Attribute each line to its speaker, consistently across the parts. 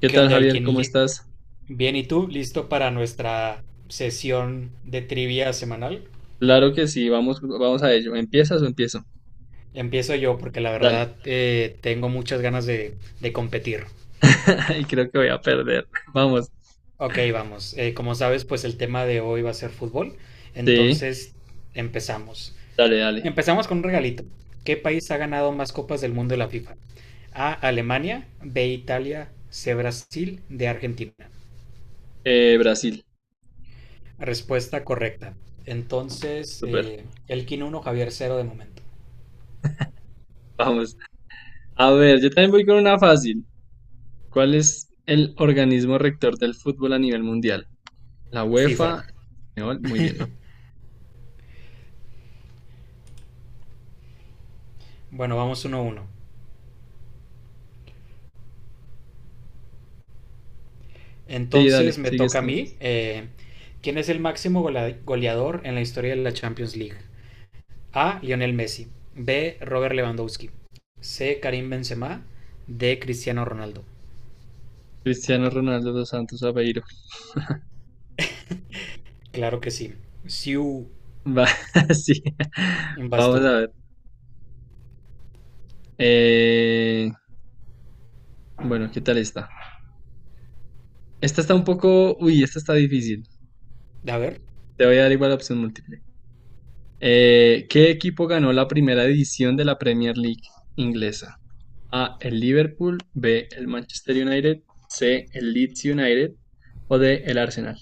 Speaker 1: ¿Qué
Speaker 2: ¿Qué
Speaker 1: tal,
Speaker 2: onda,
Speaker 1: Javier?
Speaker 2: Elkin?
Speaker 1: ¿Cómo estás?
Speaker 2: Bien, ¿y tú? ¿Listo para nuestra sesión de trivia semanal?
Speaker 1: Claro que sí, vamos, vamos a ello. ¿Empiezas o empiezo?
Speaker 2: Empiezo yo porque la
Speaker 1: Dale.
Speaker 2: verdad tengo muchas ganas de competir.
Speaker 1: Y creo que voy a perder. Vamos.
Speaker 2: Ok, vamos. Como sabes, pues el tema de hoy va a ser fútbol.
Speaker 1: Sí,
Speaker 2: Entonces, empezamos.
Speaker 1: dale, dale.
Speaker 2: Empezamos con un regalito. ¿Qué país ha ganado más copas del mundo de la FIFA? A, Alemania, B, Italia, C, Brasil, D, Argentina.
Speaker 1: Brasil.
Speaker 2: Respuesta correcta. Entonces,
Speaker 1: Super.
Speaker 2: Elkin uno, Javier cero de momento.
Speaker 1: Vamos. A ver, yo también voy con una fácil. ¿Cuál es el organismo rector del fútbol a nivel mundial? La
Speaker 2: FIFA.
Speaker 1: UEFA. No, muy bien, ¿no?
Speaker 2: Bueno, vamos uno a uno.
Speaker 1: Sí,
Speaker 2: Entonces
Speaker 1: dale,
Speaker 2: me
Speaker 1: sigues
Speaker 2: toca a
Speaker 1: tú.
Speaker 2: mí. ¿Quién es el máximo goleador en la historia de la Champions League? A. Lionel Messi. B. Robert Lewandowski. C. Karim Benzema. D. Cristiano Ronaldo.
Speaker 1: Cristiano Ronaldo dos Santos Aveiro.
Speaker 2: Claro que sí. Siu,
Speaker 1: Va, sí.
Speaker 2: vas
Speaker 1: Vamos
Speaker 2: tú.
Speaker 1: a ver. Eh, bueno, ¿qué tal está? Esta está un poco. Uy, esta está difícil.
Speaker 2: A ver,
Speaker 1: Te voy a dar igual la opción múltiple. ¿Qué equipo ganó la primera edición de la Premier League inglesa? A, el Liverpool, B, el Manchester United, C, el Leeds United o D, el Arsenal.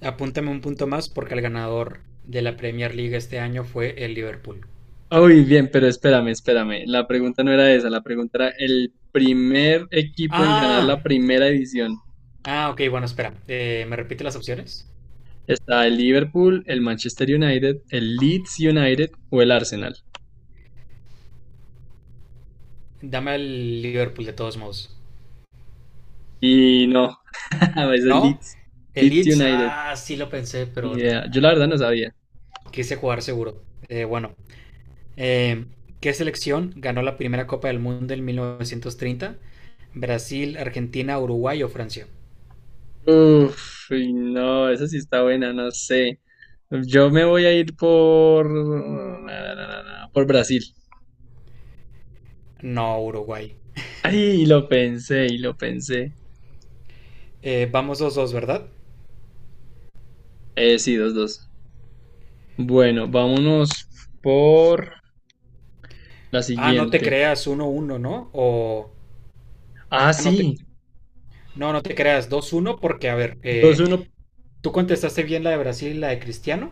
Speaker 2: apúntame un punto más porque el ganador de la Premier League este año fue el Liverpool.
Speaker 1: Uy, bien, pero espérame, espérame. La pregunta no era esa, la pregunta era el primer equipo en ganar
Speaker 2: ¡Ah!
Speaker 1: la primera edición.
Speaker 2: Ah, ok, bueno, espera. ¿Me repite las opciones?
Speaker 1: Está el Liverpool, el Manchester United, el Leeds United o el Arsenal.
Speaker 2: Dame al Liverpool de todos modos.
Speaker 1: Y no, es el
Speaker 2: ¿No?
Speaker 1: Leeds,
Speaker 2: El
Speaker 1: Leeds
Speaker 2: Leeds,
Speaker 1: United.
Speaker 2: ah, sí lo pensé,
Speaker 1: Ni
Speaker 2: pero
Speaker 1: idea. Yo la verdad no sabía.
Speaker 2: quise jugar seguro. Bueno, eh, ¿qué selección ganó la primera Copa del Mundo en 1930? ¿Brasil, Argentina, Uruguay o Francia?
Speaker 1: Uf, uy, no, esa sí está buena, no sé. Yo me voy a ir por... na, na, na, na, na, por Brasil.
Speaker 2: No, Uruguay.
Speaker 1: Ay, lo pensé, y lo pensé.
Speaker 2: Vamos dos dos, ¿verdad?
Speaker 1: Sí, dos, dos. Bueno, vámonos por la
Speaker 2: Ah, no te
Speaker 1: siguiente.
Speaker 2: creas uno uno, ¿no? O...
Speaker 1: Ah,
Speaker 2: ah, no te...
Speaker 1: sí,
Speaker 2: No, no te creas dos uno porque, a ver,
Speaker 1: dos, uno.
Speaker 2: tú contestaste bien la de Brasil, y la de Cristiano,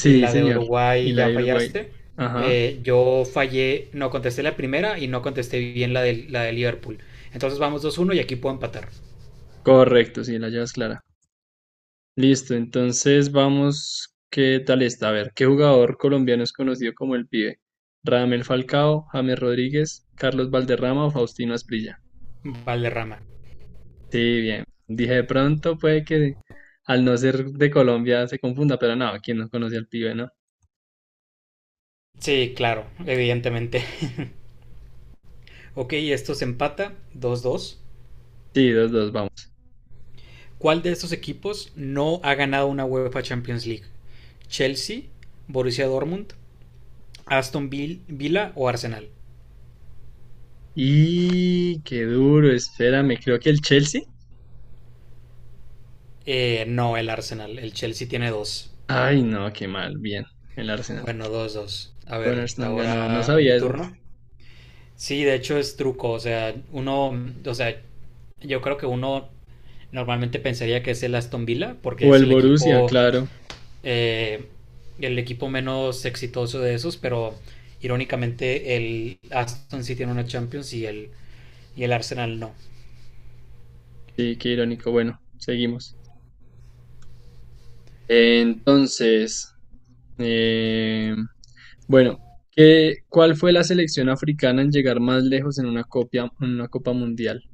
Speaker 2: y la de
Speaker 1: señor. Y
Speaker 2: Uruguay
Speaker 1: la
Speaker 2: ya
Speaker 1: de Uruguay.
Speaker 2: fallaste.
Speaker 1: Ajá,
Speaker 2: Yo fallé, no contesté la primera y no contesté bien la la de Liverpool. Entonces vamos 2-1 y aquí puedo empatar.
Speaker 1: correcto, sí, la llevas clara. Listo, entonces vamos, ¿qué tal está? A ver, ¿qué jugador colombiano es conocido como el Pibe? Radamel Falcao, James Rodríguez, Carlos Valderrama o Faustino Asprilla.
Speaker 2: Valderrama.
Speaker 1: Sí, bien. Dije, de pronto puede que al no ser de Colombia se confunda, pero no, ¿quién no conoce al Pibe, no?
Speaker 2: Sí, claro, evidentemente. Ok, esto se empata 2-2.
Speaker 1: Sí, dos, dos, vamos.
Speaker 2: ¿Cuál de estos equipos no ha ganado una UEFA Champions League? ¿Chelsea, Borussia Dortmund, Villa o Arsenal?
Speaker 1: Y qué duro, espérame, creo que el Chelsea.
Speaker 2: No, el Arsenal. El Chelsea tiene dos.
Speaker 1: Ay, no, qué mal, bien, el Arsenal.
Speaker 2: Bueno, dos, dos. A ver,
Speaker 1: Gunners no han ganado, no
Speaker 2: ahora mi
Speaker 1: sabía eso.
Speaker 2: turno. Sí, de hecho es truco, o sea, uno, o sea, yo creo que uno normalmente pensaría que es el Aston Villa, porque
Speaker 1: O
Speaker 2: es
Speaker 1: el
Speaker 2: el
Speaker 1: Borussia, claro.
Speaker 2: eh, el equipo menos exitoso de esos, pero irónicamente el Aston sí tiene una Champions y el Arsenal no.
Speaker 1: Sí, qué irónico. Bueno, seguimos. Entonces, eh, bueno, ¿cuál fue la selección africana en llegar más lejos en una en una Copa Mundial?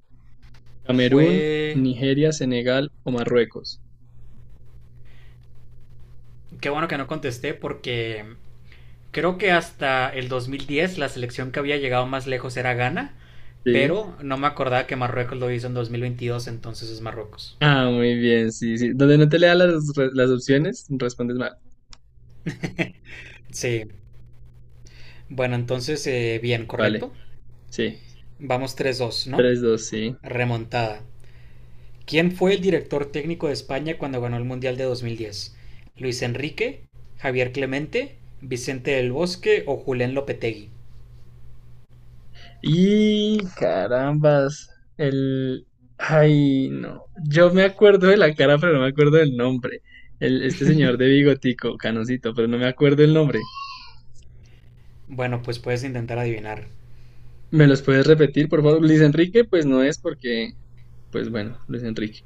Speaker 1: ¿Camerún,
Speaker 2: Fue...
Speaker 1: Nigeria, Senegal o Marruecos?
Speaker 2: Qué bueno que no contesté porque creo que hasta el 2010 la selección que había llegado más lejos era Ghana.
Speaker 1: Sí.
Speaker 2: Pero no me acordaba que Marruecos lo hizo en 2022, entonces es Marruecos.
Speaker 1: Ah, muy bien, sí, sí. Donde no te lea las, las opciones, respondes mal.
Speaker 2: Sí, bueno, entonces bien,
Speaker 1: Vale,
Speaker 2: correcto.
Speaker 1: sí.
Speaker 2: Vamos tres dos, ¿no?
Speaker 1: Tres, dos, sí.
Speaker 2: Remontada. ¿Quién fue el director técnico de España cuando ganó el Mundial de 2010? ¿Luis Enrique, Javier Clemente, Vicente del Bosque o Julen Lopetegui?
Speaker 1: Y carambas, el... Ay, no. Yo me acuerdo de la cara, pero no me acuerdo del nombre. Este señor de bigotico, canosito, pero no me acuerdo el nombre.
Speaker 2: Bueno, pues puedes intentar adivinar.
Speaker 1: ¿Me los puedes repetir, por favor? Luis Enrique, pues no es porque. Pues bueno, Luis Enrique.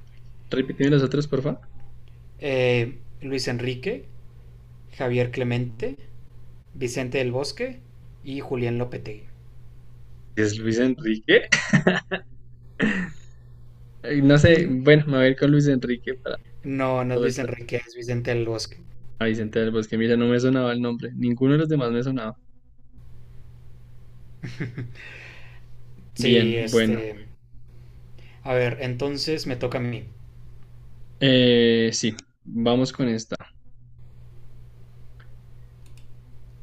Speaker 1: Repíteme los otros, por favor.
Speaker 2: Luis Enrique, Javier Clemente, Vicente del Bosque y Julen Lopetegui.
Speaker 1: ¿Es Luis Enrique? Ay, no sé, bueno, me voy a ir con Luis Enrique para
Speaker 2: No, no
Speaker 1: la
Speaker 2: es Luis
Speaker 1: vuelta.
Speaker 2: Enrique, es Vicente del Bosque.
Speaker 1: A Vicente del Bosque, mira, no me sonaba el nombre. Ninguno de los demás me sonaba.
Speaker 2: Sí,
Speaker 1: Bien, bueno.
Speaker 2: este. A ver, entonces me toca a mí.
Speaker 1: Sí, vamos con esta.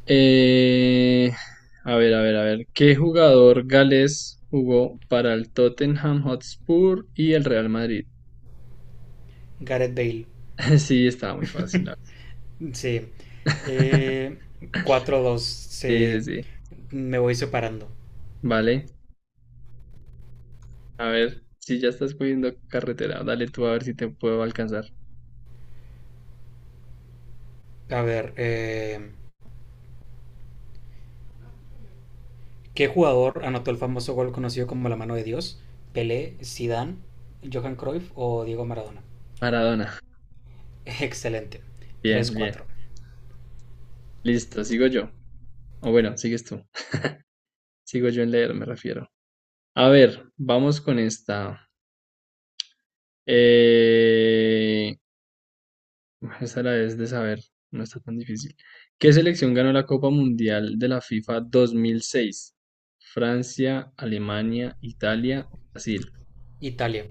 Speaker 1: Eh, a ver, a ver, a ver. ¿Qué jugador galés jugó para el Tottenham Hotspur y el Real Madrid?
Speaker 2: Gareth Bale.
Speaker 1: Sí, estaba muy fácil, la verdad.
Speaker 2: Sí. Eh, 4-2.
Speaker 1: Sí, sí,
Speaker 2: Se...
Speaker 1: sí.
Speaker 2: Me voy separando.
Speaker 1: Vale. A ver, si ya estás cogiendo carretera, dale tú a ver si te puedo alcanzar.
Speaker 2: A ver, ¿qué jugador anotó el famoso gol conocido como la mano de Dios? ¿Pelé, Zidane, Johan Cruyff o Diego Maradona?
Speaker 1: Maradona.
Speaker 2: Excelente.
Speaker 1: Bien,
Speaker 2: Tres
Speaker 1: bien.
Speaker 2: cuatro.
Speaker 1: Listo, sigo yo. O bueno, sigues tú. Sigo yo en leer, me refiero. A ver, vamos con esta. Eh, Esta la debes de saber, no está tan difícil. ¿Qué selección ganó la Copa Mundial de la FIFA 2006? Francia, Alemania, Italia, Brasil.
Speaker 2: Italia.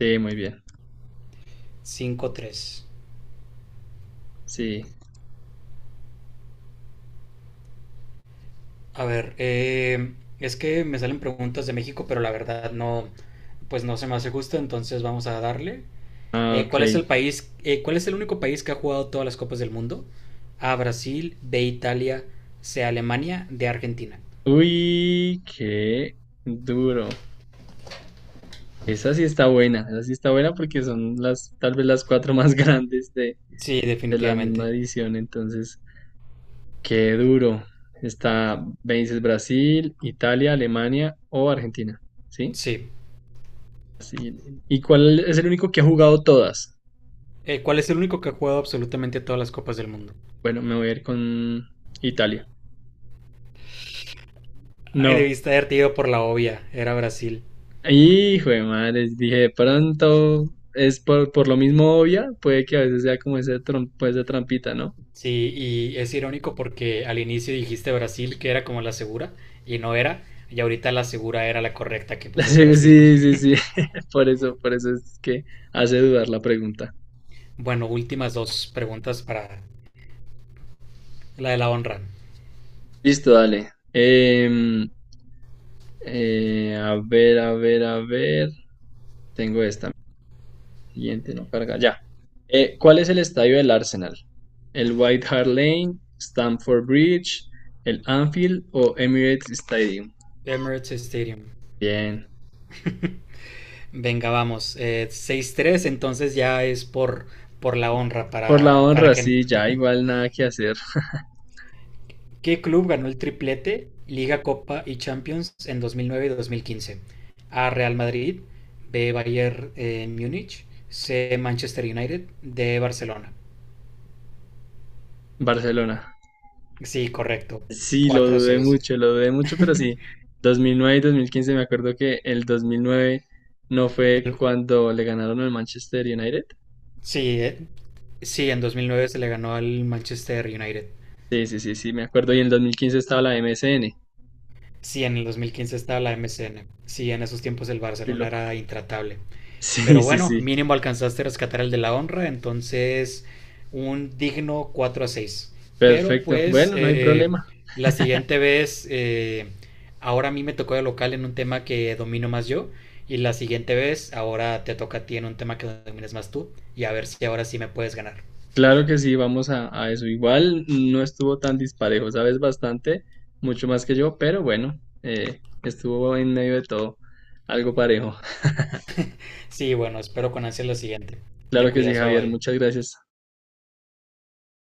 Speaker 1: Sí, muy bien.
Speaker 2: Cinco tres.
Speaker 1: Sí.
Speaker 2: A ver, es que me salen preguntas de México, pero la verdad no, pues no se me hace justo, entonces vamos a darle.
Speaker 1: Ah, ok.
Speaker 2: ¿Cuál es el país? Eh, ¿cuál es el único país que ha jugado todas las copas del mundo? A Brasil, B Italia, C Alemania, D Argentina.
Speaker 1: Uy, qué duro. Esa sí está buena, esa sí está buena porque son tal vez las cuatro más grandes de,
Speaker 2: Sí,
Speaker 1: de la misma
Speaker 2: definitivamente.
Speaker 1: edición. Entonces, qué duro. Me dices Brasil, Italia, Alemania o Argentina. ¿Sí?
Speaker 2: Sí.
Speaker 1: Sí, ¿Y cuál es el único que ha jugado todas?
Speaker 2: ¿Cuál es el único que ha jugado absolutamente todas las copas del mundo?
Speaker 1: Bueno, me voy a ir con Italia.
Speaker 2: Ay,
Speaker 1: No.
Speaker 2: debiste haberte ido por la obvia. Era Brasil.
Speaker 1: Hijo de madre, dije, de pronto es por lo mismo obvia, puede que a veces sea como ese, esa trampita, ¿no?
Speaker 2: Sí, y es irónico porque al inicio dijiste Brasil, que era como la segura, y no era. Y ahorita la segura era la correcta, que pues es Brasil.
Speaker 1: Sí, sí, sí, por eso es que hace dudar la pregunta.
Speaker 2: Bueno, últimas dos preguntas para la de la honra.
Speaker 1: Listo, dale. A ver, a ver, a ver. Tengo esta. Siguiente, no carga. Ya. ¿Cuál es el estadio del Arsenal? ¿El White Hart Lane, Stamford Bridge, el Anfield o Emirates Stadium?
Speaker 2: Emirates Stadium.
Speaker 1: Bien.
Speaker 2: Venga, vamos. 6-3, entonces ya es por la honra
Speaker 1: Por la
Speaker 2: para
Speaker 1: honra,
Speaker 2: que...
Speaker 1: sí, ya igual nada que hacer.
Speaker 2: ¿Qué club ganó el triplete, Liga, Copa y Champions en 2009 y 2015? A. Real Madrid, B. Bayern Múnich, C. Manchester United, D. Barcelona.
Speaker 1: Barcelona.
Speaker 2: Sí, correcto.
Speaker 1: Sí,
Speaker 2: Cuatro seis.
Speaker 1: lo dudé mucho, pero sí. 2009 y 2015 me acuerdo que el 2009 no fue
Speaker 2: El-
Speaker 1: cuando le ganaron al Manchester United.
Speaker 2: Sí, sí, en 2009 se le ganó al Manchester United.
Speaker 1: Sí, sí, sí, sí, me acuerdo. Y en el 2015 estaba la MSN.
Speaker 2: Sí, en el 2015 estaba la MCN. Sí, en esos tiempos el
Speaker 1: Estoy
Speaker 2: Barcelona
Speaker 1: loco.
Speaker 2: era intratable.
Speaker 1: Sí,
Speaker 2: Pero
Speaker 1: sí,
Speaker 2: bueno,
Speaker 1: sí.
Speaker 2: mínimo alcanzaste a rescatar el de la honra, entonces un digno 4 a 6. Pero
Speaker 1: Perfecto.
Speaker 2: pues
Speaker 1: Bueno, no hay problema.
Speaker 2: la siguiente vez, ahora a mí me tocó de local en un tema que domino más yo. Y la siguiente vez, ahora te toca a ti en un tema que domines más tú. Y a ver si ahora sí me puedes ganar.
Speaker 1: Claro que sí, vamos a eso. Igual no estuvo tan disparejo, sabes bastante, mucho más que yo, pero bueno, estuvo en medio de todo algo parejo.
Speaker 2: Sí, bueno, espero con ansia lo siguiente. Te
Speaker 1: Claro que sí,
Speaker 2: cuidas, bye
Speaker 1: Javier,
Speaker 2: bye.
Speaker 1: muchas gracias.